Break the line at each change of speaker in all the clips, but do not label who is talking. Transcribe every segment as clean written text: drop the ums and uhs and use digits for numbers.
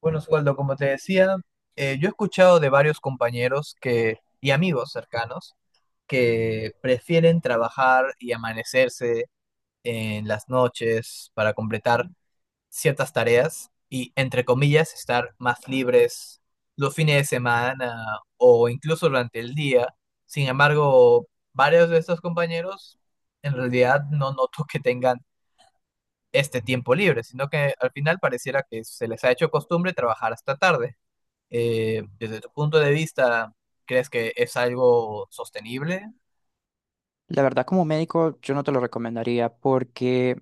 Bueno, Osvaldo, como te decía, yo he escuchado de varios compañeros que, y amigos cercanos que prefieren trabajar y amanecerse en las noches para completar ciertas tareas y, entre comillas, estar más libres los fines de semana o incluso durante el día. Sin embargo, varios de estos compañeros en realidad no noto que tengan este tiempo libre, sino que al final pareciera que se les ha hecho costumbre trabajar hasta tarde. Desde tu punto de vista, ¿crees que es algo sostenible?
La verdad, como médico, yo no te lo recomendaría porque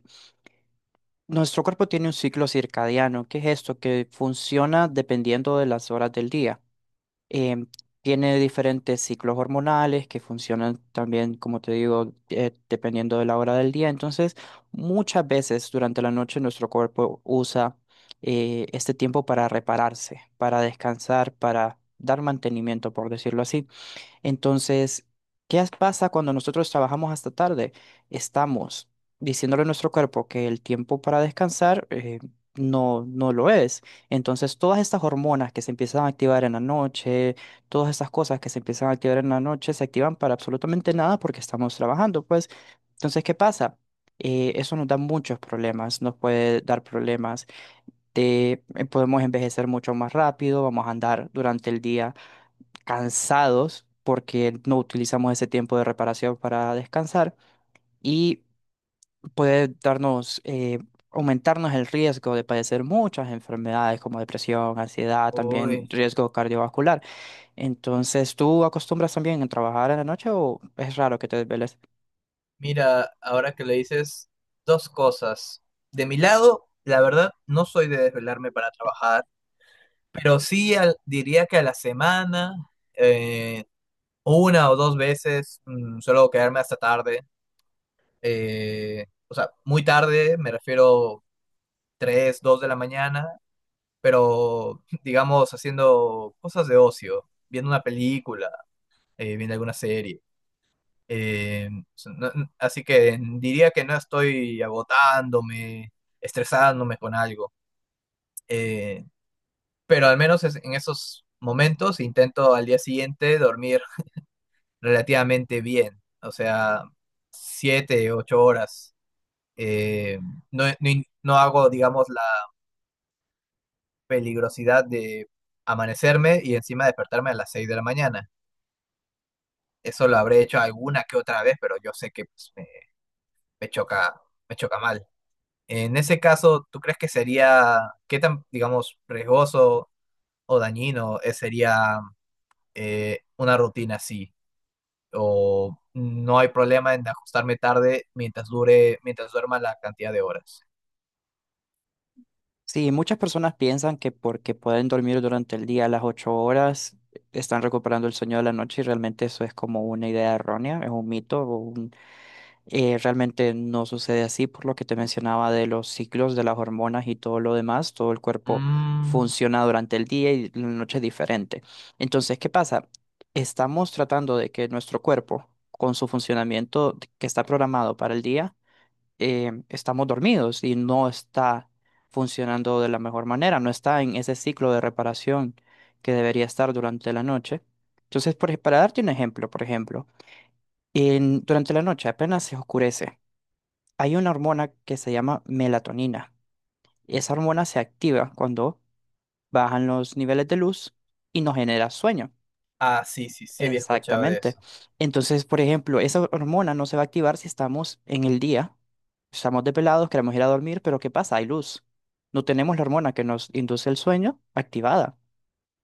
nuestro cuerpo tiene un ciclo circadiano, que es esto, que funciona dependiendo de las horas del día. Em, Tiene diferentes ciclos hormonales que funcionan también, como te digo, dependiendo de la hora del día. Entonces, muchas veces durante la noche nuestro cuerpo usa este tiempo para repararse, para descansar, para dar mantenimiento, por decirlo así. Entonces, ¿qué pasa cuando nosotros trabajamos hasta tarde? Estamos diciéndole a nuestro cuerpo que el tiempo para descansar no, no lo es. Entonces, todas estas hormonas que se empiezan a activar en la noche, todas estas cosas que se empiezan a activar en la noche, se activan para absolutamente nada porque estamos trabajando, pues. Entonces, ¿qué pasa? Eso nos da muchos problemas, nos puede dar problemas de podemos envejecer mucho más rápido, vamos a andar durante el día cansados porque no utilizamos ese tiempo de reparación para descansar y puede darnos, aumentarnos el riesgo de padecer muchas enfermedades como depresión, ansiedad, también
Uy,
riesgo cardiovascular. Entonces, ¿tú acostumbras también a trabajar en la noche o es raro que te desveles?
mira, ahora que le dices dos cosas. De mi lado, la verdad, no soy de desvelarme para trabajar, pero sí diría que a la semana, eh, una o dos veces, suelo quedarme hasta tarde. O sea, muy tarde, me refiero 3, 2 de la mañana, pero digamos haciendo cosas de ocio, viendo una película viendo alguna serie. Eh, Así que diría que no estoy agotándome, estresándome con algo. Eh, pero al menos en esos momentos intento al día siguiente dormir relativamente bien. O sea, siete, ocho horas. Eh, no, no hago, digamos, la peligrosidad de amanecerme y encima despertarme a las seis de la mañana. Eso lo habré hecho alguna que otra vez, pero yo sé que pues, me, me choca, me choca mal. En ese caso, ¿tú crees que sería, qué tan, digamos, riesgoso o dañino sería una rutina así? ¿O no hay problema en ajustarme tarde mientras dure, mientras duerma la cantidad de horas?
Sí, muchas personas piensan que porque pueden dormir durante el día las 8 horas, están recuperando el sueño de la noche y realmente eso es como una idea errónea, es un mito. Realmente no sucede así por lo que te mencionaba de los ciclos de las hormonas y todo lo demás. Todo el cuerpo
Mm,
funciona durante el día y la noche es diferente. Entonces, ¿qué pasa? Estamos tratando de que nuestro cuerpo, con su funcionamiento que está programado para el día, estamos dormidos y no está funcionando de la mejor manera, no está en ese ciclo de reparación que debería estar durante la noche. Entonces, para darte un ejemplo, por ejemplo, durante la noche apenas se oscurece. Hay una hormona que se llama melatonina. Esa hormona se activa cuando bajan los niveles de luz y nos genera sueño.
ah, sí, sí, sí había escuchado de
Exactamente.
eso.
Entonces, por ejemplo, esa hormona no se va a activar si estamos en el día, estamos desvelados, queremos ir a dormir, pero ¿qué pasa? Hay luz. No tenemos la hormona que nos induce el sueño activada.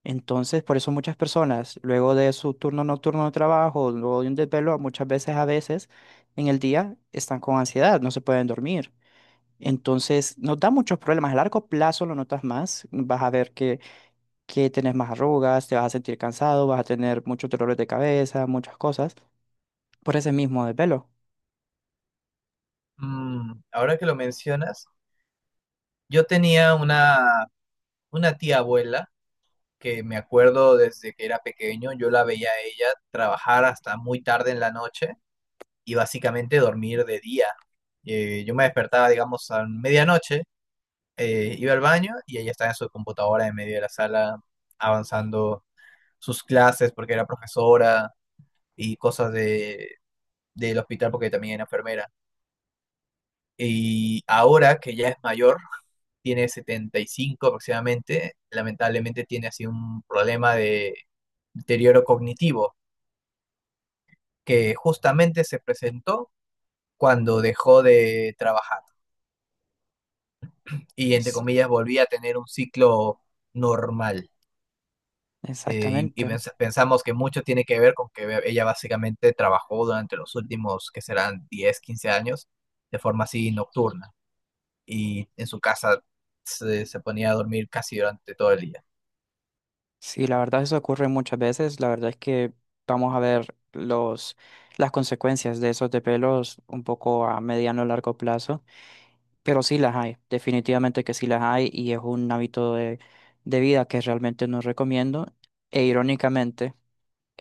Entonces, por eso muchas personas, luego de su turno nocturno de trabajo, luego de un desvelo, muchas veces, a veces, en el día están con ansiedad, no se pueden dormir. Entonces, nos da muchos problemas. A largo plazo lo notas más. Vas a ver que tenés más arrugas, te vas a sentir cansado, vas a tener muchos dolores de cabeza, muchas cosas. Por ese mismo desvelo.
Mm, ahora que lo mencionas, yo tenía una tía abuela que me acuerdo desde que era pequeño, yo la veía a ella trabajar hasta muy tarde en la noche y básicamente dormir de día. Yo me despertaba, digamos, a medianoche, iba al baño y ella estaba en su computadora en medio de la sala avanzando sus clases porque era profesora y cosas de, del hospital porque también era enfermera. Y ahora que ya es mayor, tiene 75 aproximadamente, lamentablemente tiene así un problema de deterioro cognitivo que justamente se presentó cuando dejó de trabajar. Y entre
Sí,
comillas volvía a tener un ciclo normal.
exactamente.
Pensamos que mucho tiene que ver con que ella básicamente trabajó durante los últimos, que serán 10 15 años, de forma así nocturna. Y en su casa se ponía a dormir casi durante todo el día.
Sí, la verdad eso ocurre muchas veces. La verdad es que vamos a ver las consecuencias de esos desvelos un poco a mediano o largo plazo. Pero sí las hay. Definitivamente que sí las hay y es un hábito de vida que realmente no recomiendo. E irónicamente,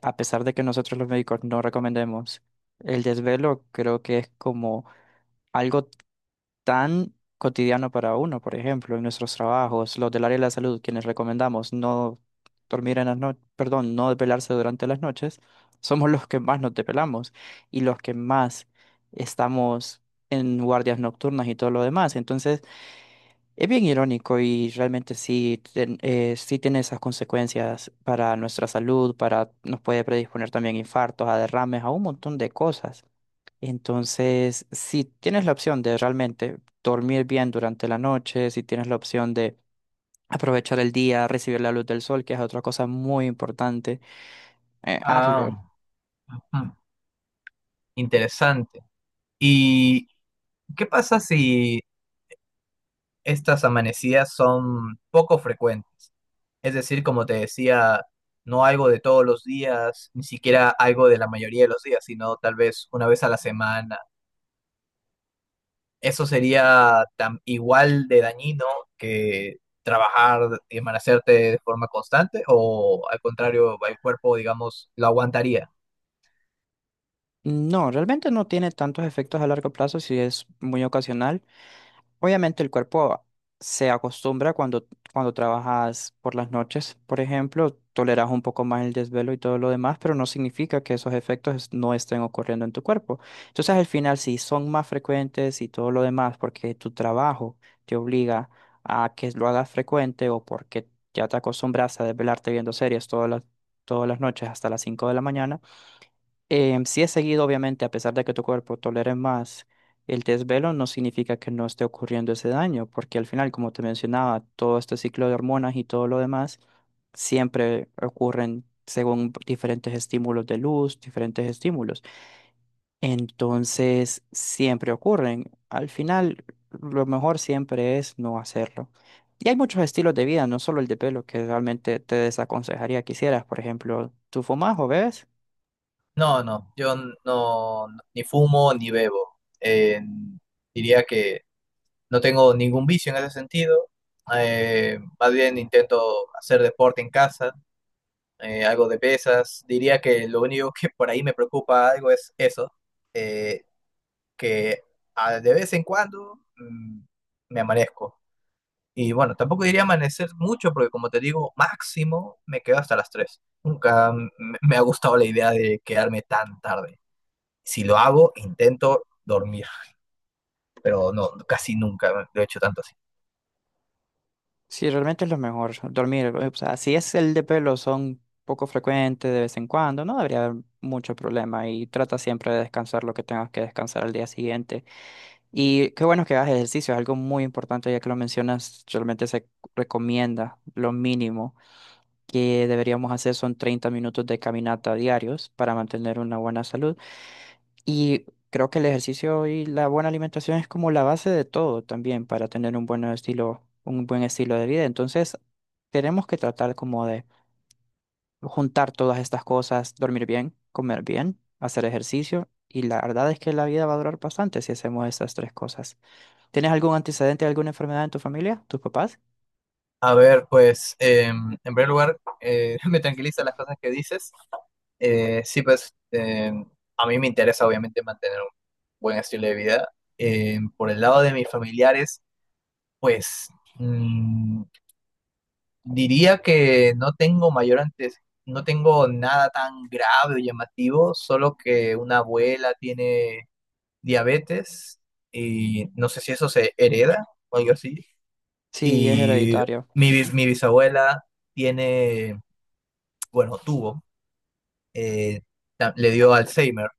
a pesar de que nosotros los médicos no recomendemos, el desvelo creo que es como algo tan cotidiano para uno, por ejemplo, en nuestros trabajos, los del área de la salud, quienes recomendamos no dormir en las noches, perdón, no desvelarse durante las noches, somos los que más nos desvelamos y los que más estamos en guardias nocturnas y todo lo demás. Entonces, es bien irónico y realmente sí tiene esas consecuencias para nuestra salud, nos puede predisponer también a infartos, a derrames, a un montón de cosas. Entonces, si tienes la opción de realmente dormir bien durante la noche, si tienes la opción de aprovechar el día, recibir la luz del sol, que es otra cosa muy importante,
Ah,
hazlo.
ujú, interesante. ¿Y qué pasa si estas amanecidas son poco frecuentes? Es decir, como te decía, no algo de todos los días, ni siquiera algo de la mayoría de los días, sino tal vez una vez a la semana. Eso sería tan igual de dañino que trabajar y amanecerte de forma constante, o al contrario, el cuerpo, digamos, lo aguantaría.
No, realmente no tiene tantos efectos a largo plazo si es muy ocasional. Obviamente el cuerpo se acostumbra cuando trabajas por las noches, por ejemplo, toleras un poco más el desvelo y todo lo demás, pero no significa que esos efectos no estén ocurriendo en tu cuerpo. Entonces al final, si son más frecuentes y todo lo demás, porque tu trabajo te obliga a que lo hagas frecuente o porque ya te acostumbras a desvelarte viendo series todas las noches hasta las 5 de la mañana, sí es seguido, obviamente, a pesar de que tu cuerpo tolere más el desvelo, no significa que no esté ocurriendo ese daño, porque al final, como te mencionaba, todo este ciclo de hormonas y todo lo demás siempre ocurren según diferentes estímulos de luz, diferentes estímulos. Entonces, siempre ocurren. Al final, lo mejor siempre es no hacerlo. Y hay muchos estilos de vida, no solo el de pelo, que realmente te desaconsejaría que hicieras. Por ejemplo, ¿tú fumas o bebes?
No, no, yo no, ni fumo ni bebo. Diría que no tengo ningún vicio en ese sentido. Más bien intento hacer deporte en casa algo de pesas. Diría que lo único que por ahí me preocupa algo es eso, eh, que de vez en cuando me amanezco. Y bueno, tampoco diría amanecer mucho porque como te digo, máximo me quedo hasta las tres. Nunca me ha gustado la idea de quedarme tan tarde. Si lo hago, intento dormir, pero no, casi nunca lo he hecho tanto así.
Sí, realmente es lo mejor, dormir. O sea, si es el de pelo, son poco frecuentes de vez en cuando, no debería haber mucho problema y trata siempre de descansar lo que tengas que descansar al día siguiente. Y qué bueno que hagas ejercicio, es algo muy importante ya que lo mencionas, realmente se recomienda lo mínimo que deberíamos hacer son 30 minutos de caminata diarios para mantener una buena salud. Y creo que el ejercicio y la buena alimentación es como la base de todo también para tener un buen estilo de vida. Entonces, tenemos que tratar como de juntar todas estas cosas, dormir bien, comer bien, hacer ejercicio. Y la verdad es que la vida va a durar bastante si hacemos estas tres cosas. ¿Tienes algún antecedente, alguna enfermedad en tu familia, tus papás?
A ver, pues en primer lugar, me tranquilizan las cosas que dices. Sí, pues a mí me interesa obviamente mantener un buen estilo de vida. Por el lado de mis familiares, pues mm, diría que no tengo mayor antes, no tengo nada tan grave o llamativo, solo que una abuela tiene diabetes y no sé si eso se hereda o algo así.
Sí, es
Y
hereditario.
mi bisabuela tiene, bueno, tuvo, eh, le dio Alzheimer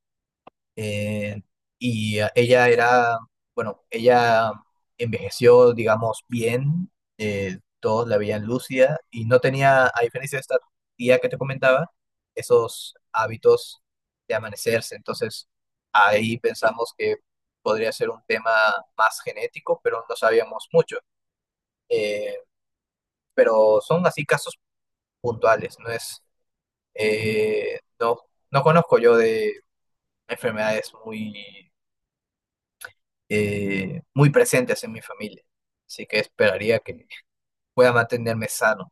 eh, ella era, bueno, ella envejeció, digamos, bien, todos la veían lúcida y no tenía, a diferencia de esta tía que te comentaba, esos hábitos de amanecerse. Entonces, ahí pensamos que podría ser un tema más genético, pero no sabíamos mucho. Eh, pero son así casos puntuales, no es, eh, no, no conozco yo de enfermedades muy muy presentes en mi familia. Así que esperaría que pueda mantenerme sano.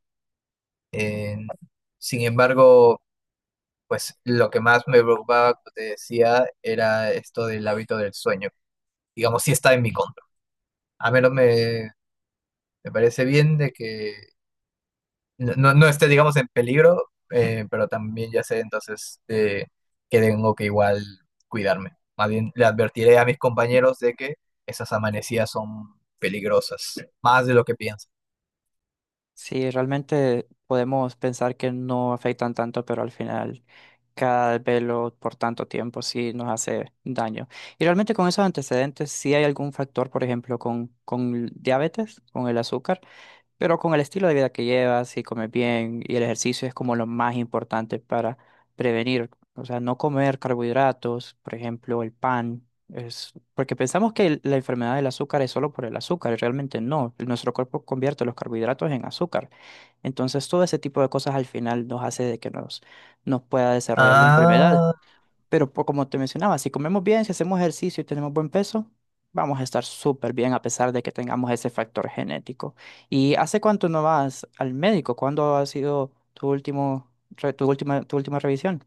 Eh, Sin embargo, pues lo que más me preocupaba, como te decía, era esto del hábito del sueño. Digamos, sí está en mi contra. A menos me parece bien de que no, no esté, digamos, en peligro, pero también ya sé entonces que tengo que igual cuidarme. Más bien le advertiré a mis compañeros de que esas amanecidas son peligrosas, más de lo que piensan.
Sí, realmente podemos pensar que no afectan tanto, pero al final cada velo por tanto tiempo sí nos hace daño. Y realmente con esos antecedentes, si hay algún factor, por ejemplo, con diabetes, con el azúcar. Pero con el estilo de vida que llevas, si comes bien y el ejercicio es como lo más importante para prevenir. O sea, no comer carbohidratos, por ejemplo, el pan. Es porque pensamos que la enfermedad del azúcar es solo por el azúcar, y realmente no. Nuestro cuerpo convierte los carbohidratos en azúcar. Entonces, todo ese tipo de cosas al final nos hace de que nos pueda desarrollar la enfermedad.
Ah,
Pero como te mencionaba, si comemos bien, si hacemos ejercicio y tenemos buen peso, vamos a estar súper bien a pesar de que tengamos ese factor genético. ¿Y hace cuánto no vas al médico? ¿Cuándo ha sido tu último, re- tu última revisión?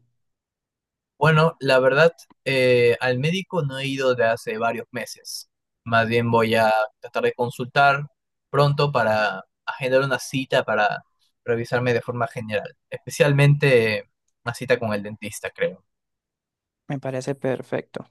bueno, la verdad, al médico no he ido de hace varios meses. Más bien voy a tratar de consultar pronto para agendar una cita para revisarme de forma general, especialmente una cita con el dentista, creo.
Me parece perfecto.